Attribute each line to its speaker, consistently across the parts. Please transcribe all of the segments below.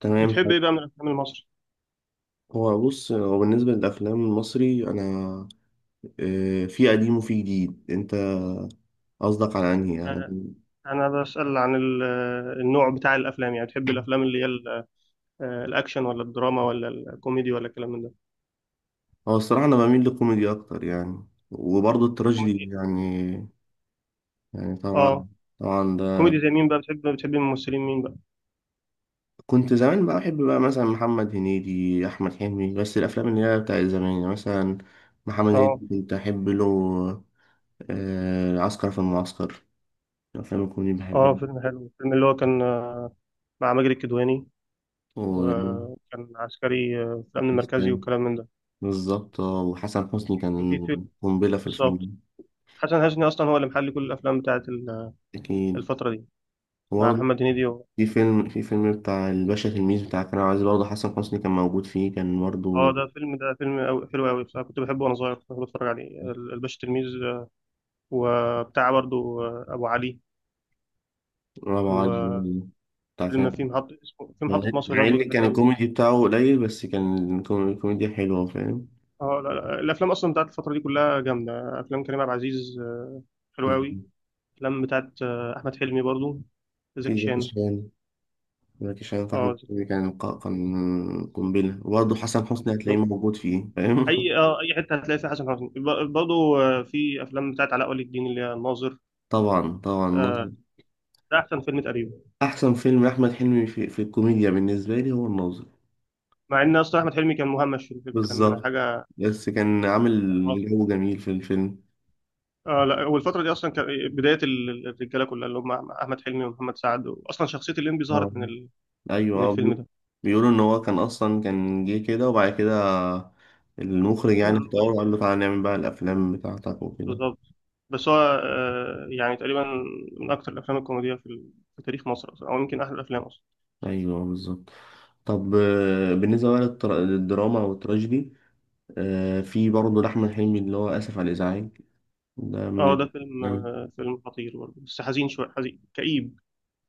Speaker 1: تمام.
Speaker 2: بتحب ايه بقى من الافلام المصري؟
Speaker 1: هو بص، هو بالنسبة للأفلام المصري، أنا في قديم وفي جديد. أنت قصدك على أنهي يعني؟
Speaker 2: آه، انا بسأل عن النوع بتاع الافلام، يعني بتحب الافلام اللي هي الاكشن ولا الدراما ولا الكوميدي ولا الكلام من ده.
Speaker 1: هو الصراحة أنا بميل للكوميدي أكتر يعني، وبرضه التراجيدي
Speaker 2: كوميدي.
Speaker 1: يعني. يعني
Speaker 2: اه،
Speaker 1: طبعا طبعا ده.
Speaker 2: كوميدي زي مين بقى؟ بتحب الممثلين مين بقى؟
Speaker 1: كنت زمان بقى بحب بقى مثلا محمد هنيدي، أحمد حلمي، بس الأفلام اللي هي بتاع زمان يعني، مثلا محمد
Speaker 2: اه.
Speaker 1: هنيدي كنت أحب له عسكر في المعسكر. الأفلام الكوميدي
Speaker 2: اه،
Speaker 1: بحبها.
Speaker 2: فيلم حلو الفيلم اللي هو كان مع ماجد الكدواني،
Speaker 1: و
Speaker 2: وكان عسكري في الامن المركزي والكلام من ده.
Speaker 1: بالظبط، اه، وحسن حسني
Speaker 2: وفي
Speaker 1: كان
Speaker 2: فيلم.
Speaker 1: قنبلة في
Speaker 2: بالظبط.
Speaker 1: الفيلم.
Speaker 2: حسن حسني اصلا هو اللي محل كل الافلام بتاعت
Speaker 1: أكيد.
Speaker 2: الفترة دي، مع
Speaker 1: وبرضه
Speaker 2: محمد هنيدي.
Speaker 1: في فيلم بتاع الباشا تلميذ، بتاع كريم عبد العزيز، برضه حسن حسني كان موجود فيه، كان
Speaker 2: اه،
Speaker 1: برضه
Speaker 2: ده فيلم أوي حلو قوي بصراحه، كنت بحبه وانا صغير، كنت بحب اتفرج عليه الباشا تلميذ. وبتاع برضو ابو علي.
Speaker 1: برافو علي،
Speaker 2: وفيلم
Speaker 1: بتاع كريم
Speaker 2: في
Speaker 1: عبد
Speaker 2: محطه، اسمه في محطه
Speaker 1: العزيز.
Speaker 2: مصر
Speaker 1: مع
Speaker 2: برضو، ده
Speaker 1: إن
Speaker 2: حلو
Speaker 1: كان
Speaker 2: قوي.
Speaker 1: الكوميدي بتاعه قليل، بس كان الكوميديا حلوة، فاهم.
Speaker 2: اه، لا الافلام اصلا بتاعت الفتره دي كلها جامده. افلام كريم عبد العزيز حلوه قوي. افلام بتاعت احمد حلمي برضو،
Speaker 1: في
Speaker 2: زكي
Speaker 1: زكي
Speaker 2: شان.
Speaker 1: شان. زكي شان في
Speaker 2: اه،
Speaker 1: أحمد
Speaker 2: زكي
Speaker 1: حلمي كان كان قنبلة، وبرضه حسن
Speaker 2: شان
Speaker 1: حسني هتلاقيه
Speaker 2: بالظبط.
Speaker 1: موجود فيه، فاهم.
Speaker 2: اي، اه، اي حته هتلاقي فيها حسن حسني، برضو في افلام بتاعت علاء ولي الدين اللي هي الناظر.
Speaker 1: طبعا طبعا
Speaker 2: آه،
Speaker 1: ناظر.
Speaker 2: ده احسن فيلم تقريبا.
Speaker 1: أحسن فيلم أحمد حلمي في الكوميديا بالنسبة لي هو الناظر.
Speaker 2: مع ان اصلا احمد حلمي كان مهمش في الفيلم، كان
Speaker 1: بالظبط.
Speaker 2: حاجه
Speaker 1: بس كان عامل
Speaker 2: آه،
Speaker 1: جو جميل في الفيلم.
Speaker 2: اه. لا، والفترة دي اصلا كان إيه، بداية الرجالة كلها اللي هم احمد حلمي ومحمد سعد، اصلا شخصية الليمبي
Speaker 1: اه،
Speaker 2: ظهرت من
Speaker 1: ايوه،
Speaker 2: من الفيلم ده.
Speaker 1: بيقولوا ان هو كان اصلا كان جه كده، وبعد كده المخرج
Speaker 2: عملوا
Speaker 1: يعني
Speaker 2: له بقى
Speaker 1: اختاره وقال
Speaker 2: شخصية.
Speaker 1: له تعالى نعمل بقى الافلام بتاعتك وكده.
Speaker 2: بالظبط. بس هو يعني تقريبا من اكتر الافلام الكوميدية في, في تاريخ مصر اصلا، او يمكن احلى الافلام اصلا.
Speaker 1: ايوه بالظبط. طب بالنسبه بقى للدراما او التراجيدي، في برضه لاحمد حلمي اللي هو اسف على الازعاج، ده من
Speaker 2: اه ده فيلم،
Speaker 1: الافلام.
Speaker 2: فيلم خطير برضه، بس حزين، شوية حزين كئيب.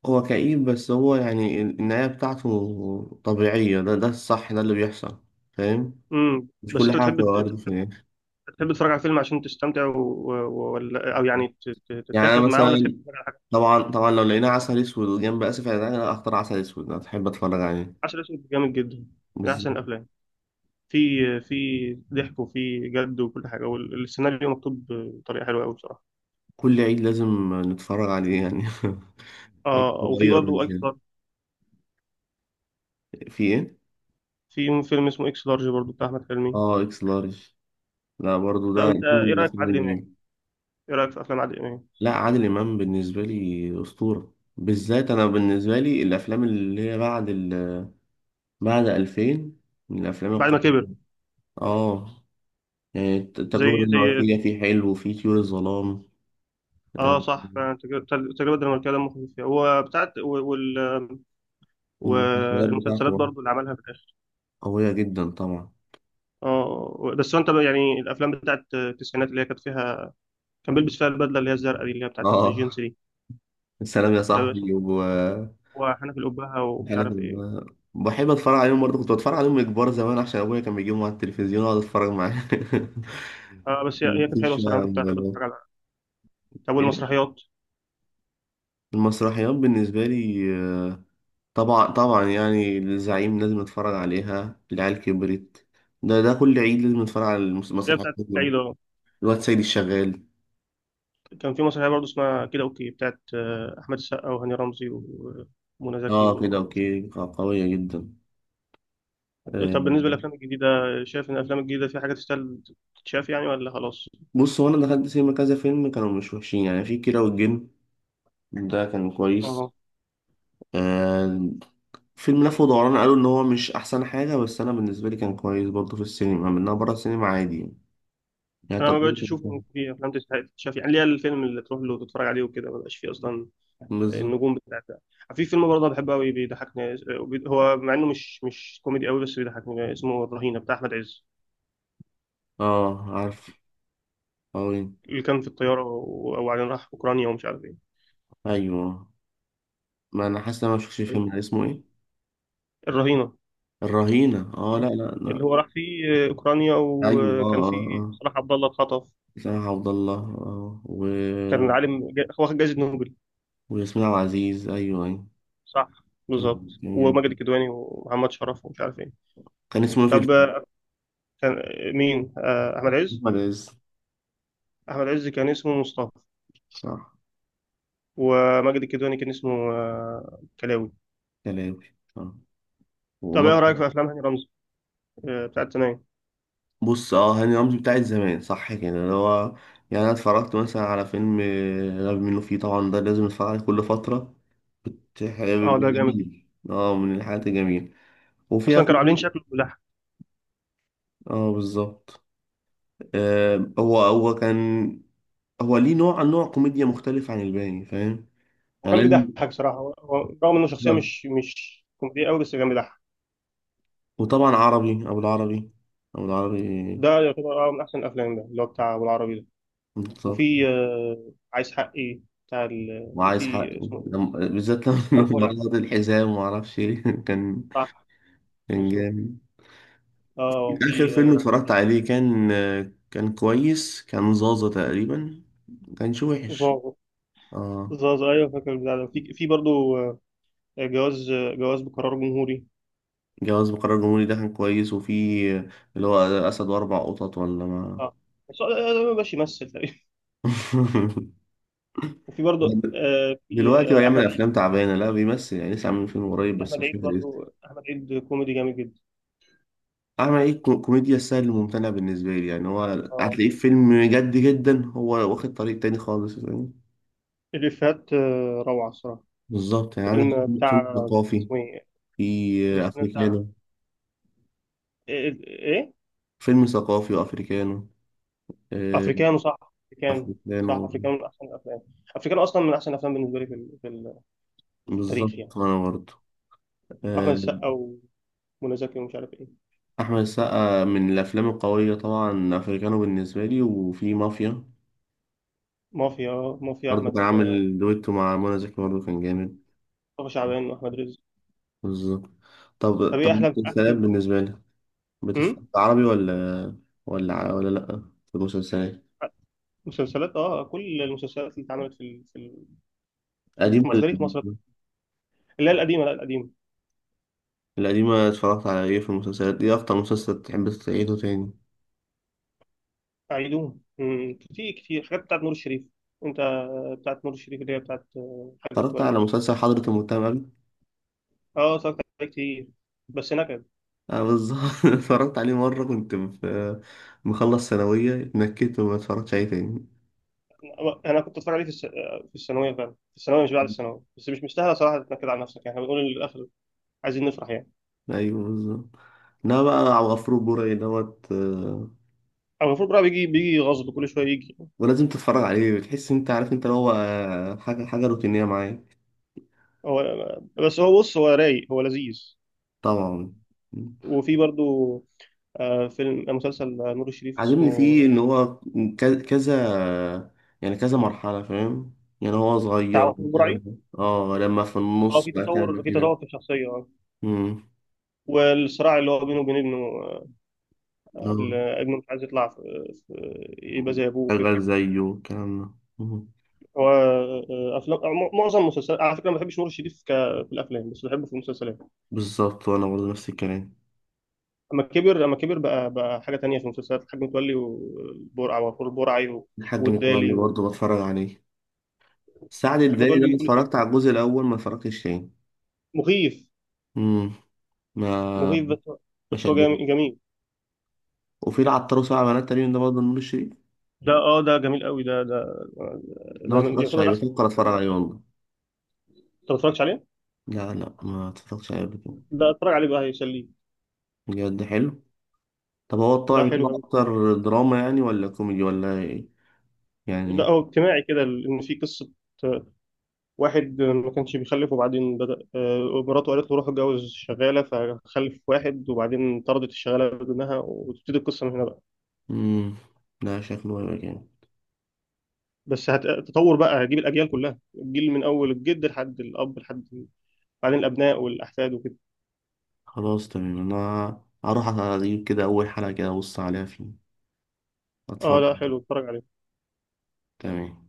Speaker 1: هو كئيب، بس هو يعني النهايه بتاعته طبيعيه، ده ده الصح، ده اللي بيحصل، فاهم. مش
Speaker 2: بس
Speaker 1: كل
Speaker 2: انت
Speaker 1: حاجه
Speaker 2: بتحب
Speaker 1: بتبقى وارد.
Speaker 2: بتحب تتفرج على فيلم عشان تستمتع ولا او يعني
Speaker 1: يعني انا
Speaker 2: تتاخد معاه، ولا تحب
Speaker 1: مثلا
Speaker 2: تتفرج على حاجة؟
Speaker 1: طبعا طبعا لو لقينا عسل اسود جنب اسف يعني، انا اختار عسل اسود، انا بحب اتفرج عليه.
Speaker 2: عسل اسود جامد جدا. من احسن
Speaker 1: بالظبط.
Speaker 2: الافلام. في في ضحك وفي جد وكل حاجه، والسيناريو مكتوب بطريقه حلوه قوي بصراحه.
Speaker 1: كل عيد لازم نتفرج عليه يعني. عيد
Speaker 2: اه، وفي
Speaker 1: صغير
Speaker 2: برضه
Speaker 1: بالذات.
Speaker 2: اكس لارج.
Speaker 1: في ايه؟
Speaker 2: في فيلم اسمه اكس لارج برضه بتاع احمد حلمي.
Speaker 1: اه، اكس لارج. لا برضو
Speaker 2: طب
Speaker 1: ده
Speaker 2: انت
Speaker 1: ده
Speaker 2: ايه
Speaker 1: من
Speaker 2: رايك في
Speaker 1: الافلام
Speaker 2: عادل امام؟
Speaker 1: الجميلة.
Speaker 2: ايه رايك في افلام عادل امام؟
Speaker 1: لا، عادل امام بالنسبه لي اسطوره، بالذات انا بالنسبه لي الافلام اللي هي بعد ال... بعد 2000، من الافلام
Speaker 2: بعد ما
Speaker 1: القويه.
Speaker 2: كبر.
Speaker 1: اه. يعني
Speaker 2: زي،
Speaker 1: التجربه
Speaker 2: زي،
Speaker 1: الدنماركيه فيه حلو، وفيه طيور الظلام. آه،
Speaker 2: اه صح، فعلا التجربه، التجربة الدنماركيه دمه خفيف فيها، هو بتاعت وال،
Speaker 1: والمسلسلات بتاعته
Speaker 2: والمسلسلات
Speaker 1: بقى
Speaker 2: برضو اللي عملها في الاخر.
Speaker 1: قوية جدا طبعا.
Speaker 2: اه، بس هو انت بقى، يعني الافلام بتاعت التسعينات اللي هي كانت فيها كان بيلبس فيها البدله اللي هي الزرقاء دي اللي هي بتاعت الجينز
Speaker 1: اه،
Speaker 2: دي.
Speaker 1: السلام يا
Speaker 2: اسمه
Speaker 1: صاحبي،
Speaker 2: إيه؟
Speaker 1: و
Speaker 2: هو حنف الأبهة ومش
Speaker 1: أنا
Speaker 2: عارف
Speaker 1: كنت
Speaker 2: ايه.
Speaker 1: بحب اتفرج عليهم برضه، كنت بتفرج عليهم كبار زمان عشان ابويا كان بيجيبهم على التلفزيون واقعد اتفرج معاه.
Speaker 2: آه، بس هي، هي كانت حلوه
Speaker 1: مكنتش بقى
Speaker 2: الصراحه،
Speaker 1: على
Speaker 2: أنا كنت احب
Speaker 1: الموبايلات.
Speaker 2: اتفرج على. طب
Speaker 1: إيه؟
Speaker 2: والمسرحيات؟
Speaker 1: المسرحيات بالنسبة لي آه، طبعا طبعا يعني الزعيم لازم اتفرج عليها، العيال كبرت، ده ده كل عيد لازم اتفرج على
Speaker 2: اللي هي
Speaker 1: المسرحيات
Speaker 2: بتاعت العيد
Speaker 1: كلهم،
Speaker 2: أهو.
Speaker 1: الواد سيد الشغال.
Speaker 2: كان في مسرحيه برضه اسمها كده اوكي، بتاعت احمد السقا وهاني رمزي ومنى زكي
Speaker 1: اه كده اوكي قوية جدا. آه،
Speaker 2: طب بالنسبه للافلام الجديده، شايف ان الافلام الجديده في حاجه تستاهل تتشاف يعني، ولا خلاص؟
Speaker 1: بص، هو انا دخلت سينما كذا فيلم كانوا مش وحشين يعني. في كيرة والجن، ده كان كويس.
Speaker 2: اه،
Speaker 1: آه. فيلم لف ودوران قالوا ان هو مش احسن حاجه، بس انا بالنسبه لي كان كويس برضه في السينما، منها بره السينما عادي يعني. يعني
Speaker 2: انا ما بقتش
Speaker 1: تجربه
Speaker 2: اشوف
Speaker 1: كانت-
Speaker 2: ان في افلام تستحق تتشاف، يعني ليه؟ الفيلم اللي تروح له تتفرج عليه وكده ما بقاش فيه اصلا
Speaker 1: بالظبط.
Speaker 2: النجوم بتاعتها. في فيلم برضه أنا بحبه قوي، بيضحكني، هو مع انه مش كوميدي قوي بس بيضحكني، اسمه الرهينه بتاع احمد عز.
Speaker 1: اه، عارف أوي.
Speaker 2: اللي كان في الطيارة وبعدين راح أوكرانيا ومش عارف إيه.
Speaker 1: ايوه، ما انا حاسس ان انا ما شفتش الفيلم ده، اسمه ايه؟
Speaker 2: الرهينة.
Speaker 1: الرهينه، اه، لا لا لا.
Speaker 2: اللي هو راح فيه أوكرانيا
Speaker 1: ايوه
Speaker 2: وكان
Speaker 1: اه اه
Speaker 2: فيه
Speaker 1: اه،
Speaker 2: صلاح عبد الله اتخطف.
Speaker 1: اسامه عبد الله اه و...
Speaker 2: كان عالم واخد جايزة نوبل.
Speaker 1: وياسمين عبد العزيز، ايوه ايوه.
Speaker 2: صح.
Speaker 1: كان
Speaker 2: بالظبط. وماجد
Speaker 1: كان،
Speaker 2: الكدواني ومحمد شرف ومش عارف إيه.
Speaker 1: كان اسمه ايه في
Speaker 2: طب
Speaker 1: الفيلم؟
Speaker 2: كان مين؟ أحمد عز.
Speaker 1: احمد عز،
Speaker 2: أحمد عز كان اسمه مصطفى.
Speaker 1: صح،
Speaker 2: وماجد الكدواني كان اسمه كلاوي.
Speaker 1: كلاوي آه.
Speaker 2: طب إيه
Speaker 1: وما
Speaker 2: رأيك في أفلام هاني رمزي بتاعت زمان؟
Speaker 1: بص، اه، هاني رمزي بتاعت زمان صح كده اللي هو، يعني انا اتفرجت مثلا على فيلم غبي منه فيه، طبعا ده لازم اتفرج عليه كل فترة، حاجة
Speaker 2: أه ده جامد جدا.
Speaker 1: جميل اه من الحاجات الجميلة. وفيها
Speaker 2: أصلا كانوا عاملين
Speaker 1: فيلم
Speaker 2: شكله.
Speaker 1: اه بالظبط. آه، هو كان هو ليه نوع نوع كوميديا مختلف عن الباقي، فاهم.
Speaker 2: هو
Speaker 1: يعني
Speaker 2: كان
Speaker 1: لازم
Speaker 2: بيضحك بصراحة، هو هو رغم إنه شخصية
Speaker 1: آه.
Speaker 2: مش كوميدية أوي بس كان بيضحك.
Speaker 1: وطبعا عربي ابو العربي، ابو العربي،
Speaker 2: ده يعتبر أه من أحسن الأفلام، ده اللي هو بتاع أبو العربي ده.
Speaker 1: بالظبط.
Speaker 2: وفي عايز حقي بتاع
Speaker 1: وعايز حق،
Speaker 2: وفي اسمه إيه؟
Speaker 1: بالذات لما
Speaker 2: محمد
Speaker 1: لما
Speaker 2: فؤاد.
Speaker 1: رفض الحزام وما اعرفش ايه كان،
Speaker 2: صح.
Speaker 1: كان
Speaker 2: بالظبط.
Speaker 1: جامد.
Speaker 2: أه
Speaker 1: اخر
Speaker 2: وفي
Speaker 1: فيلم
Speaker 2: اسمه
Speaker 1: اتفرجت
Speaker 2: إيه؟
Speaker 1: عليه كان، كان كويس، كان زازا تقريبا، كانش وحش.
Speaker 2: زازا.
Speaker 1: اه،
Speaker 2: زازا أيوه، فاكر البتاع ده. في في برضه آه، جواز، جواز بقرار جمهوري.
Speaker 1: جواز بقرار جمهوري ده كان كويس، وفي اللي هو اسد واربع قطط، ولا ما.
Speaker 2: أه بس هو ده ما بقاش يمثل تقريبا. وفي برضه آه، في
Speaker 1: دلوقتي هو
Speaker 2: آه، أحمد
Speaker 1: يعمل
Speaker 2: عيد.
Speaker 1: افلام تعبانه، لا بيمثل يعني، لسه عامل فيلم قريب بس
Speaker 2: أحمد
Speaker 1: مش
Speaker 2: عيد
Speaker 1: فاكر اسمه.
Speaker 2: برضه، أحمد عيد كوميدي جامد جدا.
Speaker 1: اعمل ايه، كوميديا السهل الممتنع بالنسبه لي يعني. هو
Speaker 2: أه
Speaker 1: هتلاقيه في فيلم جد جدا، هو واخد طريق تاني خالص.
Speaker 2: الإفيهات روعة الصراحة.
Speaker 1: بالظبط. يعني عندك
Speaker 2: فيلم
Speaker 1: فيلم
Speaker 2: بتاع،
Speaker 1: ثقافي،
Speaker 2: اسمه ايه؟
Speaker 1: في
Speaker 2: الفيلم بتاع
Speaker 1: أفريكانو،
Speaker 2: ايه، إيه؟
Speaker 1: فيلم ثقافي وأفريكانو. آه،
Speaker 2: افريكانو، صح. افريكانو. صح،
Speaker 1: أفريكانو.
Speaker 2: افريكانو من احسن الافلام. افريكانو اصلا من احسن الافلام بالنسبه لي في في التاريخ يعني.
Speaker 1: بالظبط، وأنا برضه
Speaker 2: احمد
Speaker 1: آه،
Speaker 2: السقا ومنى زكي ومش عارف ايه.
Speaker 1: أحمد السقا من الأفلام القوية طبعا، أفريكانو بالنسبة لي، وفي مافيا
Speaker 2: مافيا. مافيا
Speaker 1: برضه كان
Speaker 2: احمد
Speaker 1: عامل دويتو مع منى زكي، برضه كان جامد.
Speaker 2: مصطفى شعبان واحمد رزق.
Speaker 1: بالظبط. طب
Speaker 2: طب
Speaker 1: طب
Speaker 2: ايه احلى
Speaker 1: المسلسلات
Speaker 2: فيلم؟
Speaker 1: بالنسبة لك، بتتفرج
Speaker 2: امم،
Speaker 1: عربي ولا، ولا لأ؟ في المسلسلات
Speaker 2: مسلسلات. اه كل المسلسلات اللي اتعملت في
Speaker 1: قديم
Speaker 2: في
Speaker 1: ولا
Speaker 2: تاريخ مصر،
Speaker 1: جديد؟
Speaker 2: اللي هي القديمه. لا، القديمه.
Speaker 1: القديمة اتفرجت على ايه في المسلسلات؟ ايه أكتر مسلسل تحب تعيده تاني؟
Speaker 2: عيدون امم، كتير حاجات بتاعت نور الشريف. انت بتاعت نور الشريف اللي هي بتاعت حاجه
Speaker 1: اتفرجت على
Speaker 2: متولي.
Speaker 1: مسلسل حضرة المؤتمر قبل؟
Speaker 2: اه اتفرجت عليه كتير بس نكد.
Speaker 1: اه بالظبط. اتفرجت عليه مرة كنت في مخلص ثانوية، اتنكدت وما اتفرجتش عليه تاني.
Speaker 2: انا كنت اتفرج عليه في في الثانويه، فعلا في الثانويه مش بعد الثانويه، بس مش مستاهله صراحه تتنكد على نفسك، يعني احنا بنقول للاخر عايزين نفرح يعني.
Speaker 1: ايوه بالظبط. لا بقى، عبد الغفور البرعي دوت
Speaker 2: او المفروض بقى بيجي غصب، كل شويه يجي.
Speaker 1: ولازم تتفرج عليه، بتحس انت عارف انت اللي هو حاجة حاجة روتينية معايا.
Speaker 2: هو، بس هو بص هو رايق، هو لذيذ.
Speaker 1: طبعا.
Speaker 2: وفي برضو آه، فيلم آه، مسلسل آه، نور الشريف
Speaker 1: عاجبني فيه
Speaker 2: اسمه
Speaker 1: ان هو كذا، يعني كذا مرحلة، فاهم. يعني هو
Speaker 2: بتاع
Speaker 1: صغير
Speaker 2: وفير برعي.
Speaker 1: لما اه لما في
Speaker 2: اه،
Speaker 1: النص
Speaker 2: في
Speaker 1: بقى كان
Speaker 2: تطور في
Speaker 1: كبير.
Speaker 2: تطور في الشخصيه، اه.
Speaker 1: امم.
Speaker 2: والصراع اللي هو بينه وبين ابنه اللي ابنه مش عايز يطلع يبقى زي ابوه كده.
Speaker 1: شغال زيه والكلام ده. مم.
Speaker 2: هو افلام معظم المسلسلات على فكره ما بحبش نور الشريف في الافلام، بس بحبه في المسلسلات.
Speaker 1: بالظبط، وانا برضه نفس الكلام.
Speaker 2: اما كبر بقى، بقى حاجه تانية في المسلسلات، الحاج متولي والبرع وفور البرعي و...
Speaker 1: الحاج متولي
Speaker 2: والدالي، والحاج
Speaker 1: برضه بتفرج عليه. السعد الدالي
Speaker 2: متولي،
Speaker 1: ده
Speaker 2: بيجي
Speaker 1: أنا
Speaker 2: كل
Speaker 1: اتفرجت
Speaker 2: شويه.
Speaker 1: على الجزء الاول، ما اتفرجتش تاني.
Speaker 2: مخيف.
Speaker 1: امم. ما،
Speaker 2: مخيف،
Speaker 1: ما
Speaker 2: بس هو
Speaker 1: شدني.
Speaker 2: جميل.
Speaker 1: وفي العطار وسبع بنات تقريبا ده برضه نور الشريف،
Speaker 2: ده اه، ده جميل قوي،
Speaker 1: ده ما
Speaker 2: ده من
Speaker 1: اتفرجتش
Speaker 2: يعتبر من
Speaker 1: عليه،
Speaker 2: احسن.
Speaker 1: بفكر اتفرج
Speaker 2: انت
Speaker 1: عليه والله.
Speaker 2: ما اتفرجتش عليه؟
Speaker 1: لا لا، ما اتفرجتش عليه قبل كده.
Speaker 2: لا اتفرج عليه بقى هيسليك.
Speaker 1: بجد حلو؟ طب هو الطبع
Speaker 2: لا حلو
Speaker 1: بتاعه
Speaker 2: قوي.
Speaker 1: اكتر دراما يعني، ولا كوميدي ولا ايه؟
Speaker 2: لا
Speaker 1: يعني
Speaker 2: هو اجتماعي كده، ان في قصه واحد ما كانش بيخلف، وبعدين بدأ مراته قالت له روح اتجوز شغالة، فخلف واحد وبعدين طردت الشغالة بدونها، وتبتدي القصة من هنا بقى.
Speaker 1: امم، لا شكله هيبقى جامد.
Speaker 2: بس هتطور بقى، هجيب الأجيال كلها، الجيل من أول الجد لحد الأب لحد بعدين الأبناء والأحفاد وكده.
Speaker 1: خلاص تمام، انا هروح على اليوتيوب كده اول حلقة كده ابص عليها فيه،
Speaker 2: اه
Speaker 1: اتفرج.
Speaker 2: لا حلو، اتفرج عليه.
Speaker 1: تمام.